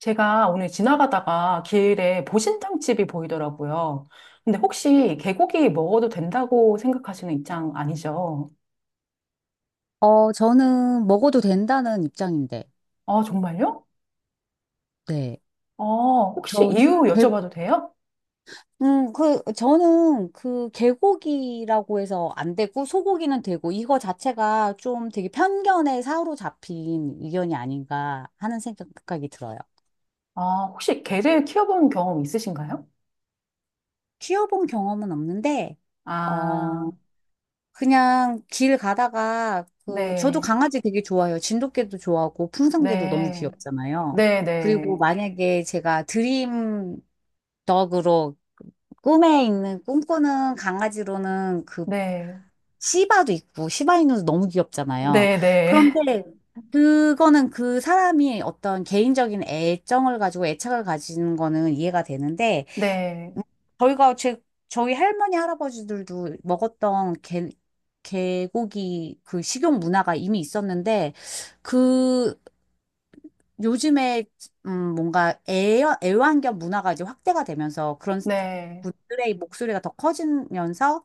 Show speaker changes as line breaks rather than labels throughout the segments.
제가 오늘 지나가다가 길에 보신탕집이 보이더라고요. 근데 혹시 개고기 먹어도 된다고 생각하시는 입장 아니죠?
저는 먹어도 된다는 입장인데,
아, 정말요?
네.
아, 혹시
저는,
이유
개,
여쭤봐도 돼요?
저는 그 개고기라고 해서 안 되고, 소고기는 되고, 이거 자체가 좀 되게 편견에 사로잡힌 의견이 아닌가 하는 생각이 들어요.
아, 혹시 개를 키워본 경험 있으신가요?
키워본 경험은 없는데, 어,
아,
그냥 길 가다가, 저도
네,
강아지 되게 좋아해요. 진돗개도 좋아하고, 풍선개도 너무
네,
귀엽잖아요.
네,
그리고
네,
만약에 제가 드림 덕으로 꿈에 있는 꿈꾸는 강아지로는 그
네,
시바도 있고 시바이누도 너무 귀엽잖아요.
네, 네,
그런데 그거는 그 사람이 어떤 개인적인 애정을 가지고 애착을 가지는 거는 이해가 되는데, 음, 저희가 제 저희 할머니 할아버지들도 먹었던 개 개고기 그 식용 문화가 이미 있었는데, 그 요즘에 뭔가 애완견 문화가 이제 확대가 되면서 그런
네, 네,
분들의 목소리가 더 커지면서,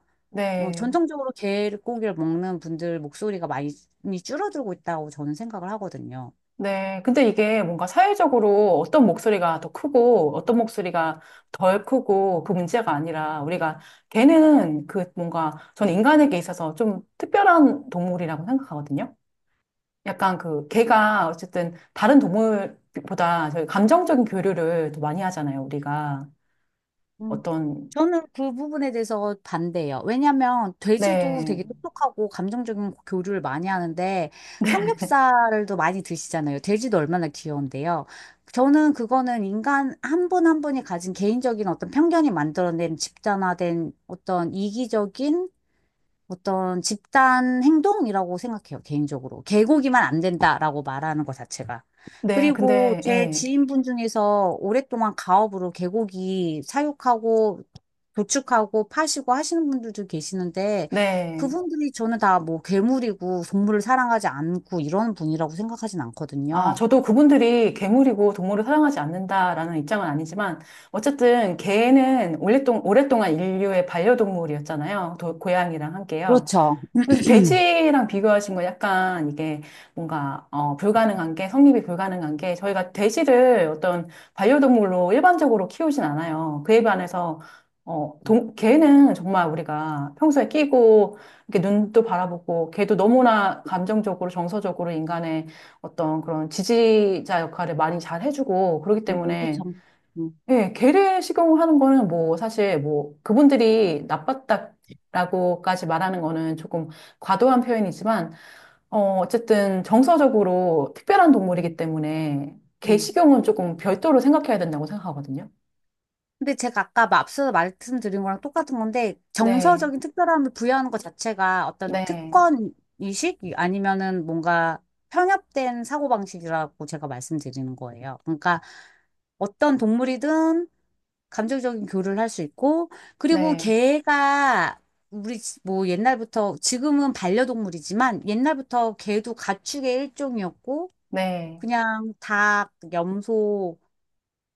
어,
네.
전통적으로 개고기를 먹는 분들 목소리가 많이 줄어들고 있다고 저는 생각을 하거든요.
네. 근데 이게 뭔가 사회적으로 어떤 목소리가 더 크고 어떤 목소리가 덜 크고 그 문제가 아니라 우리가 걔는 그 뭔가 저는 인간에게 있어서 좀 특별한 동물이라고 생각하거든요. 약간 그 걔가 어쨌든 다른 동물보다 저희 감정적인 교류를 더 많이 하잖아요. 우리가
음.
어떤
저는 그 부분에 대해서 반대예요. 왜냐하면 돼지도
네.
되게 똑똑하고 감정적인 교류를 많이 하는데 삼겹살도 많이 드시잖아요. 돼지도 얼마나 귀여운데요. 저는 그거는 인간 한 분 한 분이 가진 개인적인 어떤 편견이 만들어낸 집단화된 어떤 이기적인 어떤 집단 행동이라고 생각해요, 개인적으로. 개고기만 안 된다라고 말하는 것 자체가.
네.
그리고
근데
제
예.
지인분 중에서 오랫동안 가업으로 개고기 사육하고 도축하고 파시고 하시는 분들도 계시는데
네.
그분들이 저는 다 뭐 괴물이고 동물을 사랑하지 않고 이런 분이라고 생각하진
아,
않거든요.
저도 그분들이 괴물이고 동물을 사랑하지 않는다라는 입장은 아니지만, 어쨌든 개는 오랫동안 인류의 반려동물이었잖아요. 고양이랑 함께요.
그렇죠.
그래서 돼지랑 비교하신 건 약간 이게 뭔가 어, 불가능한 게 성립이 불가능한 게 저희가 돼지를 어떤 반려동물로 일반적으로 키우진 않아요. 그에 반해서 어, 개는 정말 우리가 평소에 끼고 이렇게 눈도 바라보고 개도 너무나 감정적으로 정서적으로 인간의 어떤 그런 지지자 역할을 많이 잘 해주고 그렇기 때문에
그렇죠. 음,
예, 개를 식용 하는 거는 뭐 사실 뭐 그분들이 나빴다라고까지 말하는 거는 조금 과도한 표현이지만 어 어쨌든 정서적으로 특별한 동물이기
음,
때문에 개
음.
식용은 조금 별도로 생각해야 된다고 생각하거든요.
근데 제가 아까 앞서 말씀드린 거랑 똑같은 건데
네,
정서적인 특별함을 부여하는 것 자체가 어떤
네,
특권 의식 아니면은 뭔가 편협된 사고방식이라고 제가 말씀드리는 거예요. 그러니까 어떤 동물이든 감정적인 교류를 할 수 있고, 그리고
네,
개가 우리 뭐 옛날부터, 지금은 반려동물이지만 옛날부터 개도 가축의 일종이었고
네,
그냥 닭, 염소,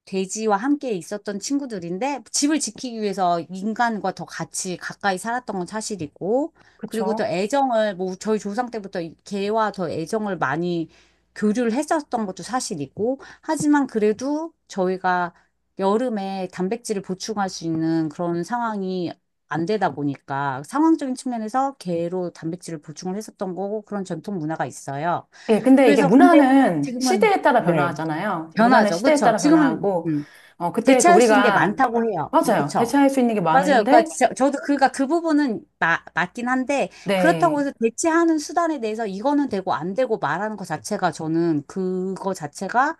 돼지와 함께 있었던 친구들인데 집을 지키기 위해서 인간과 더 같이 가까이 살았던 건 사실이고, 그리고 더
그렇죠.
애정을 뭐 저희 조상 때부터 이 개와 더 애정을 많이 교류를 했었던 것도 사실이고, 하지만 그래도 저희가 여름에 단백질을 보충할 수 있는 그런 상황이 안 되다 보니까 상황적인 측면에서 개로 단백질을 보충을 했었던 거고, 그런 전통 문화가 있어요.
예, 근데 이게
그래서 근데
문화는
지금은,
시대에 따라
네.
변화하잖아요. 문화는
변하죠.
시대에
그렇죠.
따라
지금은
변화하고 어 그때 그
대체할 수 있는 게
우리가
많다고 해요. 뭐,
맞아요.
그쵸?
대체할 수 있는 게
맞아요. 그러니까
많은데
저도 그가 그 부분은 맞긴 한데, 그렇다고
네.
해서 대체하는 수단에 대해서 이거는 되고 안 되고 말하는 것 자체가, 저는 그거 자체가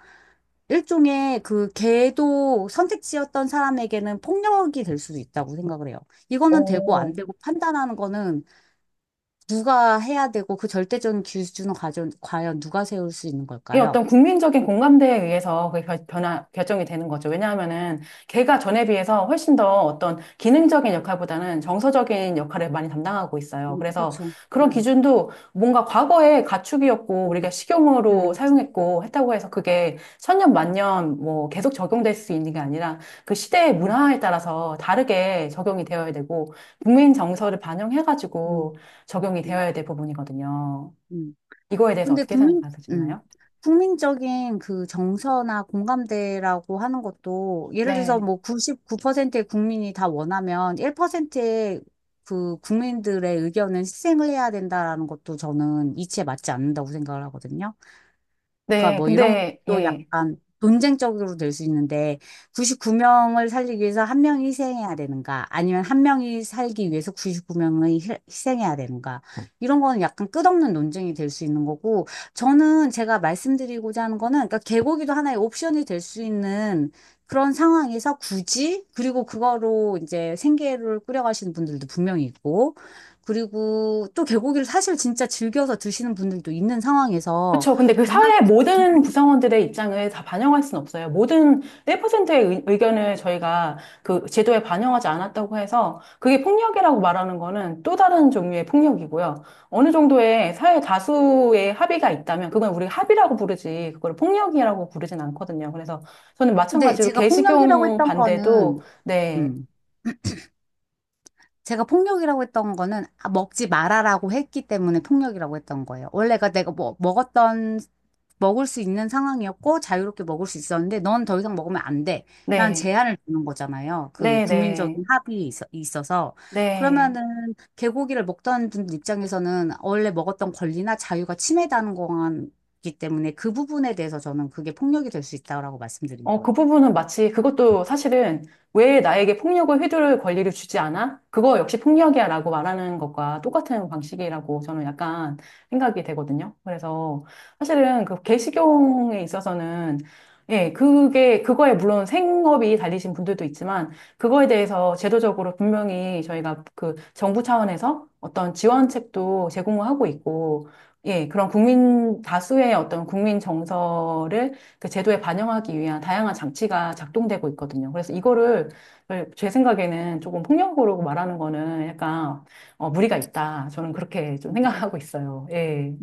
일종의 그 걔도 선택지였던 사람에게는 폭력이 될 수도 있다고 생각을 해요. 이거는 되고 안
어,
되고 판단하는 거는 누가 해야 되고, 그 절대적인 기준은 과연, 과연 누가 세울 수 있는
이
걸까요?
어떤 국민적인 공감대에 의해서 그게 결정이 되는 거죠. 왜냐하면은 걔가 전에 비해서 훨씬 더 어떤 기능적인 역할보다는 정서적인 역할을 많이 담당하고 있어요. 그래서
그렇죠.
그런
네.
기준도 뭔가 과거에 가축이었고 우리가
음,
식용으로
음,
사용했고 했다고 해서 그게 천년 만년 뭐 계속 적용될 수 있는 게 아니라 그 시대의
음,
문화에 따라서 다르게 적용이 되어야 되고 국민 정서를
음,
반영해가지고 적용이
음,
되어야 될 부분이거든요.
음.
이거에 대해서
근데
어떻게
음,
생각하시나요?
국민적인 그 정서나 공감대라고 하는 것도, 예를 들어서
네.
뭐 99%의 국민이 다 원하면 1%의 그 국민들의 의견은 희생을 해야 된다라는 것도 저는 이치에 맞지 않는다고 생각을 하거든요. 그러니까
네,
뭐 이런
근데,
것도
예.
약간 논쟁적으로 될 수 있는데, 99명을 살리기 위해서 한 명이 희생해야 되는가, 아니면 한 명이 살기 위해서 99명이 희생해야 되는가, 이런 거는 약간 끝없는 논쟁이 될 수 있는 거고, 저는 제가 말씀드리고자 하는 거는, 그러니까 개고기도 하나의 옵션이 될 수 있는 그런 상황에서 굳이, 그리고 그거로 이제 생계를 꾸려가시는 분들도 분명히 있고, 그리고 또 개고기를 사실 진짜 즐겨서 드시는 분들도 있는 상황에서.
그렇죠. 근데 그 사회 모든 구성원들의 입장을 다 반영할 수는 없어요. 모든 1%의 의견을 저희가 그 제도에 반영하지 않았다고 해서 그게 폭력이라고 말하는 거는 또 다른 종류의 폭력이고요. 어느 정도의 사회 다수의 합의가 있다면 그건 우리 합의라고 부르지 그걸 폭력이라고 부르진 않거든요. 그래서 저는
근데
마찬가지로
제가 폭력이라고
개식용
했던
반대도
거는,
네,
음, 제가 폭력이라고 했던 거는, 아, 먹지 말아라고 했기 때문에 폭력이라고 했던 거예요. 원래가 내가 뭐, 먹었던, 먹을 수 있는 상황이었고 자유롭게 먹을 수 있었는데 넌 더 이상 먹으면 안 돼, 라는
네,
제한을 주는 거잖아요. 그
네, 네,
국민적인 합의에 있어서.
네.
그러면은 개고기를 먹던 분 입장에서는 원래 먹었던 권리나 자유가 침해되는 거기 때문에 그 부분에 대해서 저는 그게 폭력이 될 수 있다고 말씀드린
어, 그
거예요.
부분은 마치 그것도 사실은 왜 나에게 폭력을 휘두를 권리를 주지 않아? 그거 역시 폭력이야 라고 말하는 것과 똑같은 방식이라고 저는 약간 생각이 되거든요. 그래서 사실은 그 개식용에 있어서는 예, 그게, 그거에 물론 생업이 달리신 분들도 있지만 그거에 대해서 제도적으로 분명히 저희가 그 정부 차원에서 어떤 지원책도 제공을 하고 있고 예, 그런 국민, 다수의 어떤 국민 정서를 그 제도에 반영하기 위한 다양한 장치가 작동되고 있거든요. 그래서 이거를 제 생각에는 조금 폭력으로 말하는 거는 약간 어, 무리가 있다. 저는 그렇게 좀 생각하고 있어요. 예.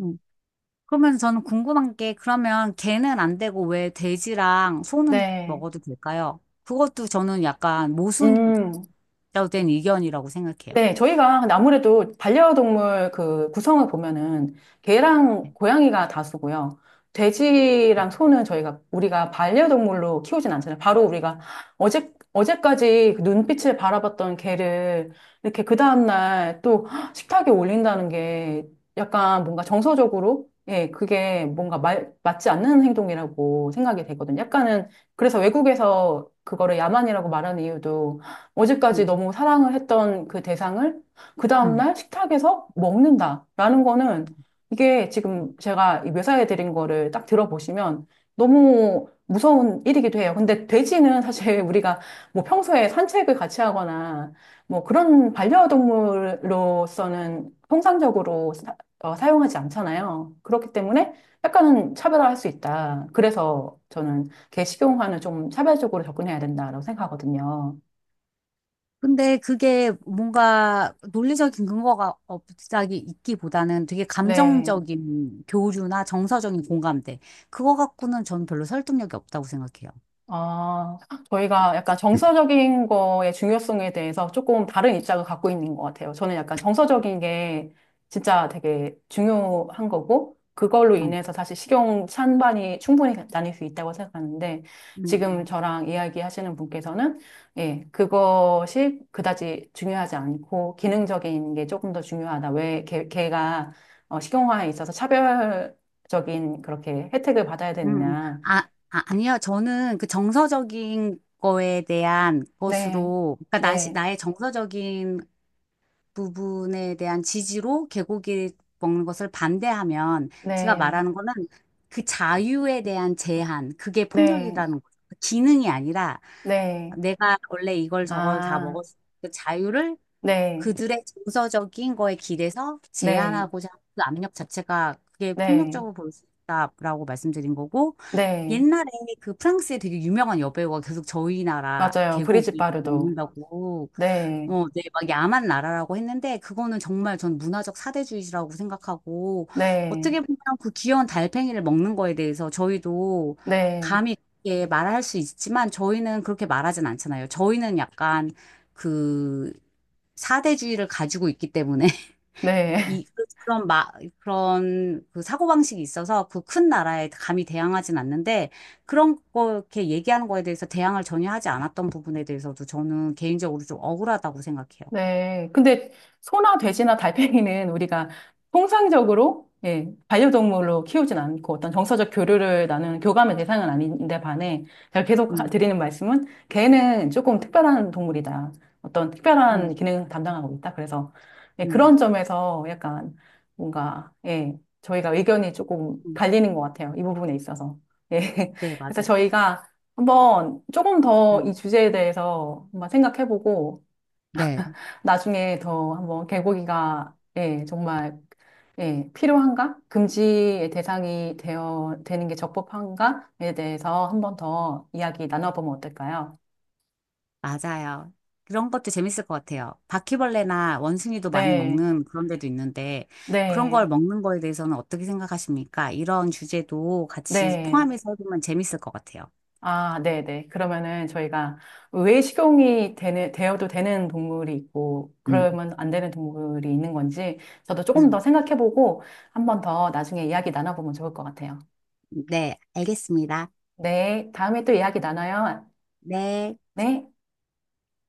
그러면 저는 궁금한 게, 그러면 개는 안 되고 왜 돼지랑 소는
네.
먹어도 될까요? 그것도 저는 약간 모순된
음.
의견이라고 생각해요.
네, 저희가 근데 아무래도 반려동물 그 구성을 보면은 개랑
네.
고양이가 다수고요. 돼지랑 소는 저희가 우리가 반려동물로 키우진 않잖아요. 바로 우리가 어제까지 그 눈빛을 바라봤던 개를 이렇게 그 다음날 또 식탁에 올린다는 게 약간 뭔가 정서적으로 예, 그게 뭔가 맞지 않는 행동이라고 생각이 되거든요. 약간은 그래서 외국에서 그거를 야만이라고 말하는 이유도 어제까지
음.
너무 사랑을 했던 그 대상을 그
음.
다음날 식탁에서 먹는다라는 거는 이게 지금 제가 이 묘사해 드린 거를 딱 들어보시면 너무 무서운 일이기도 해요. 근데 돼지는 사실 우리가 뭐 평소에 산책을 같이 하거나 뭐 그런 반려동물로서는 통상적으로 사용하지 않잖아요. 그렇기 때문에 약간은 차별화할 수 있다. 그래서 저는 개 식용화는 좀 차별적으로 접근해야 된다라고 생각하거든요.
근데 그게 뭔가 논리적인 근거가 없다기 있기보다는 되게
네.
감정적인 교류나 정서적인 공감대, 그거 갖고는 저는 별로 설득력이 없다고 생각해요.
아, 저희가 약간 정서적인 거의 중요성에 대해서 조금 다른 입장을 갖고 있는 것 같아요. 저는 약간 정서적인 게 진짜 되게 중요한 거고, 그걸로
음.
인해서 사실 식용 찬반이 충분히 나뉠 수 있다고 생각하는데,
음,
지금
음.
저랑 이야기하시는 분께서는, 예, 그것이 그다지 중요하지 않고, 기능적인 게 조금 더 중요하다. 왜 걔가 어, 식용화에 있어서 차별적인 그렇게 혜택을 받아야
음,
되느냐.
아, 아, 아니요. 저는 그 정서적인 거에 대한
네,
것으로, 그러니까 나,
네,
나의 정서적인 부분에 대한 지지로 개고기 먹는 것을 반대하면, 제가
네,
말하는 거는 그 자유에 대한 제한, 그게
네,
폭력이라는 거죠. 그 기능이 아니라
네,
내가 원래 이걸 저걸 다
아,
먹었을 때 자유를,
네,
그들의 정서적인 거에 기대서
네,
제한하고자 하는 그 압력 자체가, 그게
네,
폭력적으로 볼 수 있다라고 말씀드린 거고.
네,
옛날에 그 프랑스의 되게 유명한 여배우가 계속 저희 나라
맞아요. 브리짓
계곡이
바르도.
먹는다고
네,
네, 막 야만 나라라고 했는데, 그거는 정말 전 문화적 사대주의라고 생각하고,
네,
어떻게 보면 그 귀여운 달팽이를 먹는 거에 대해서 저희도
네,
감히 그렇게 말할 수 있지만, 저희는 그렇게 말하진 않잖아요. 저희는 약간 그 사대주의를 가지고 있기 때문에,
네.
이, 그- 그런 마, 그런 그 사고방식이 있어서 그 큰 나라에 감히 대항하진 않는데, 그런 거 이렇게 얘기하는 거에 대해서 대항을 전혀 하지 않았던 부분에 대해서도 저는 개인적으로 좀 억울하다고 생각해요.
네. 근데 소나 돼지나 달팽이는 우리가 통상적으로 예, 반려동물로 키우진 않고 어떤 정서적 교류를 나누는 교감의 대상은 아닌데 반해 제가 계속
음,
드리는 말씀은 개는 조금 특별한 동물이다. 어떤 특별한
음,
기능을 담당하고 있다. 그래서 예,
음,
그런 점에서 약간 뭔가 예, 저희가 의견이 조금
음.
갈리는 것 같아요. 이 부분에 있어서. 예.
네,
그래서
맞아요.
저희가 한번 조금 더 이
음,
주제에 대해서 한번 생각해보고
네,
나중에 더 한번 개고기가 예, 정말 예, 필요한가? 금지의 대상이 되어 되는 게 적법한가에 대해서 한번 더 이야기 나눠보면 어떨까요?
맞아요. 그런 것도 재밌을 것 같아요. 바퀴벌레나 원숭이도 많이
네,
먹는 그런 데도 있는데, 그런 걸
네,
먹는 거에 대해서는 어떻게 생각하십니까? 이런 주제도 같이
네.
포함해서 해보면 재밌을 것 같아요.
아, 네, 네. 그러면은 저희가 왜 식용이 되는, 되어도 되는 동물이 있고,
음,
그러면 안 되는 동물이 있는 건지, 저도 조금
음,
더 생각해보고, 한번 더 나중에 이야기 나눠보면 좋을 것 같아요.
네, 알겠습니다.
네, 다음에 또 이야기 나눠요.
네.
네.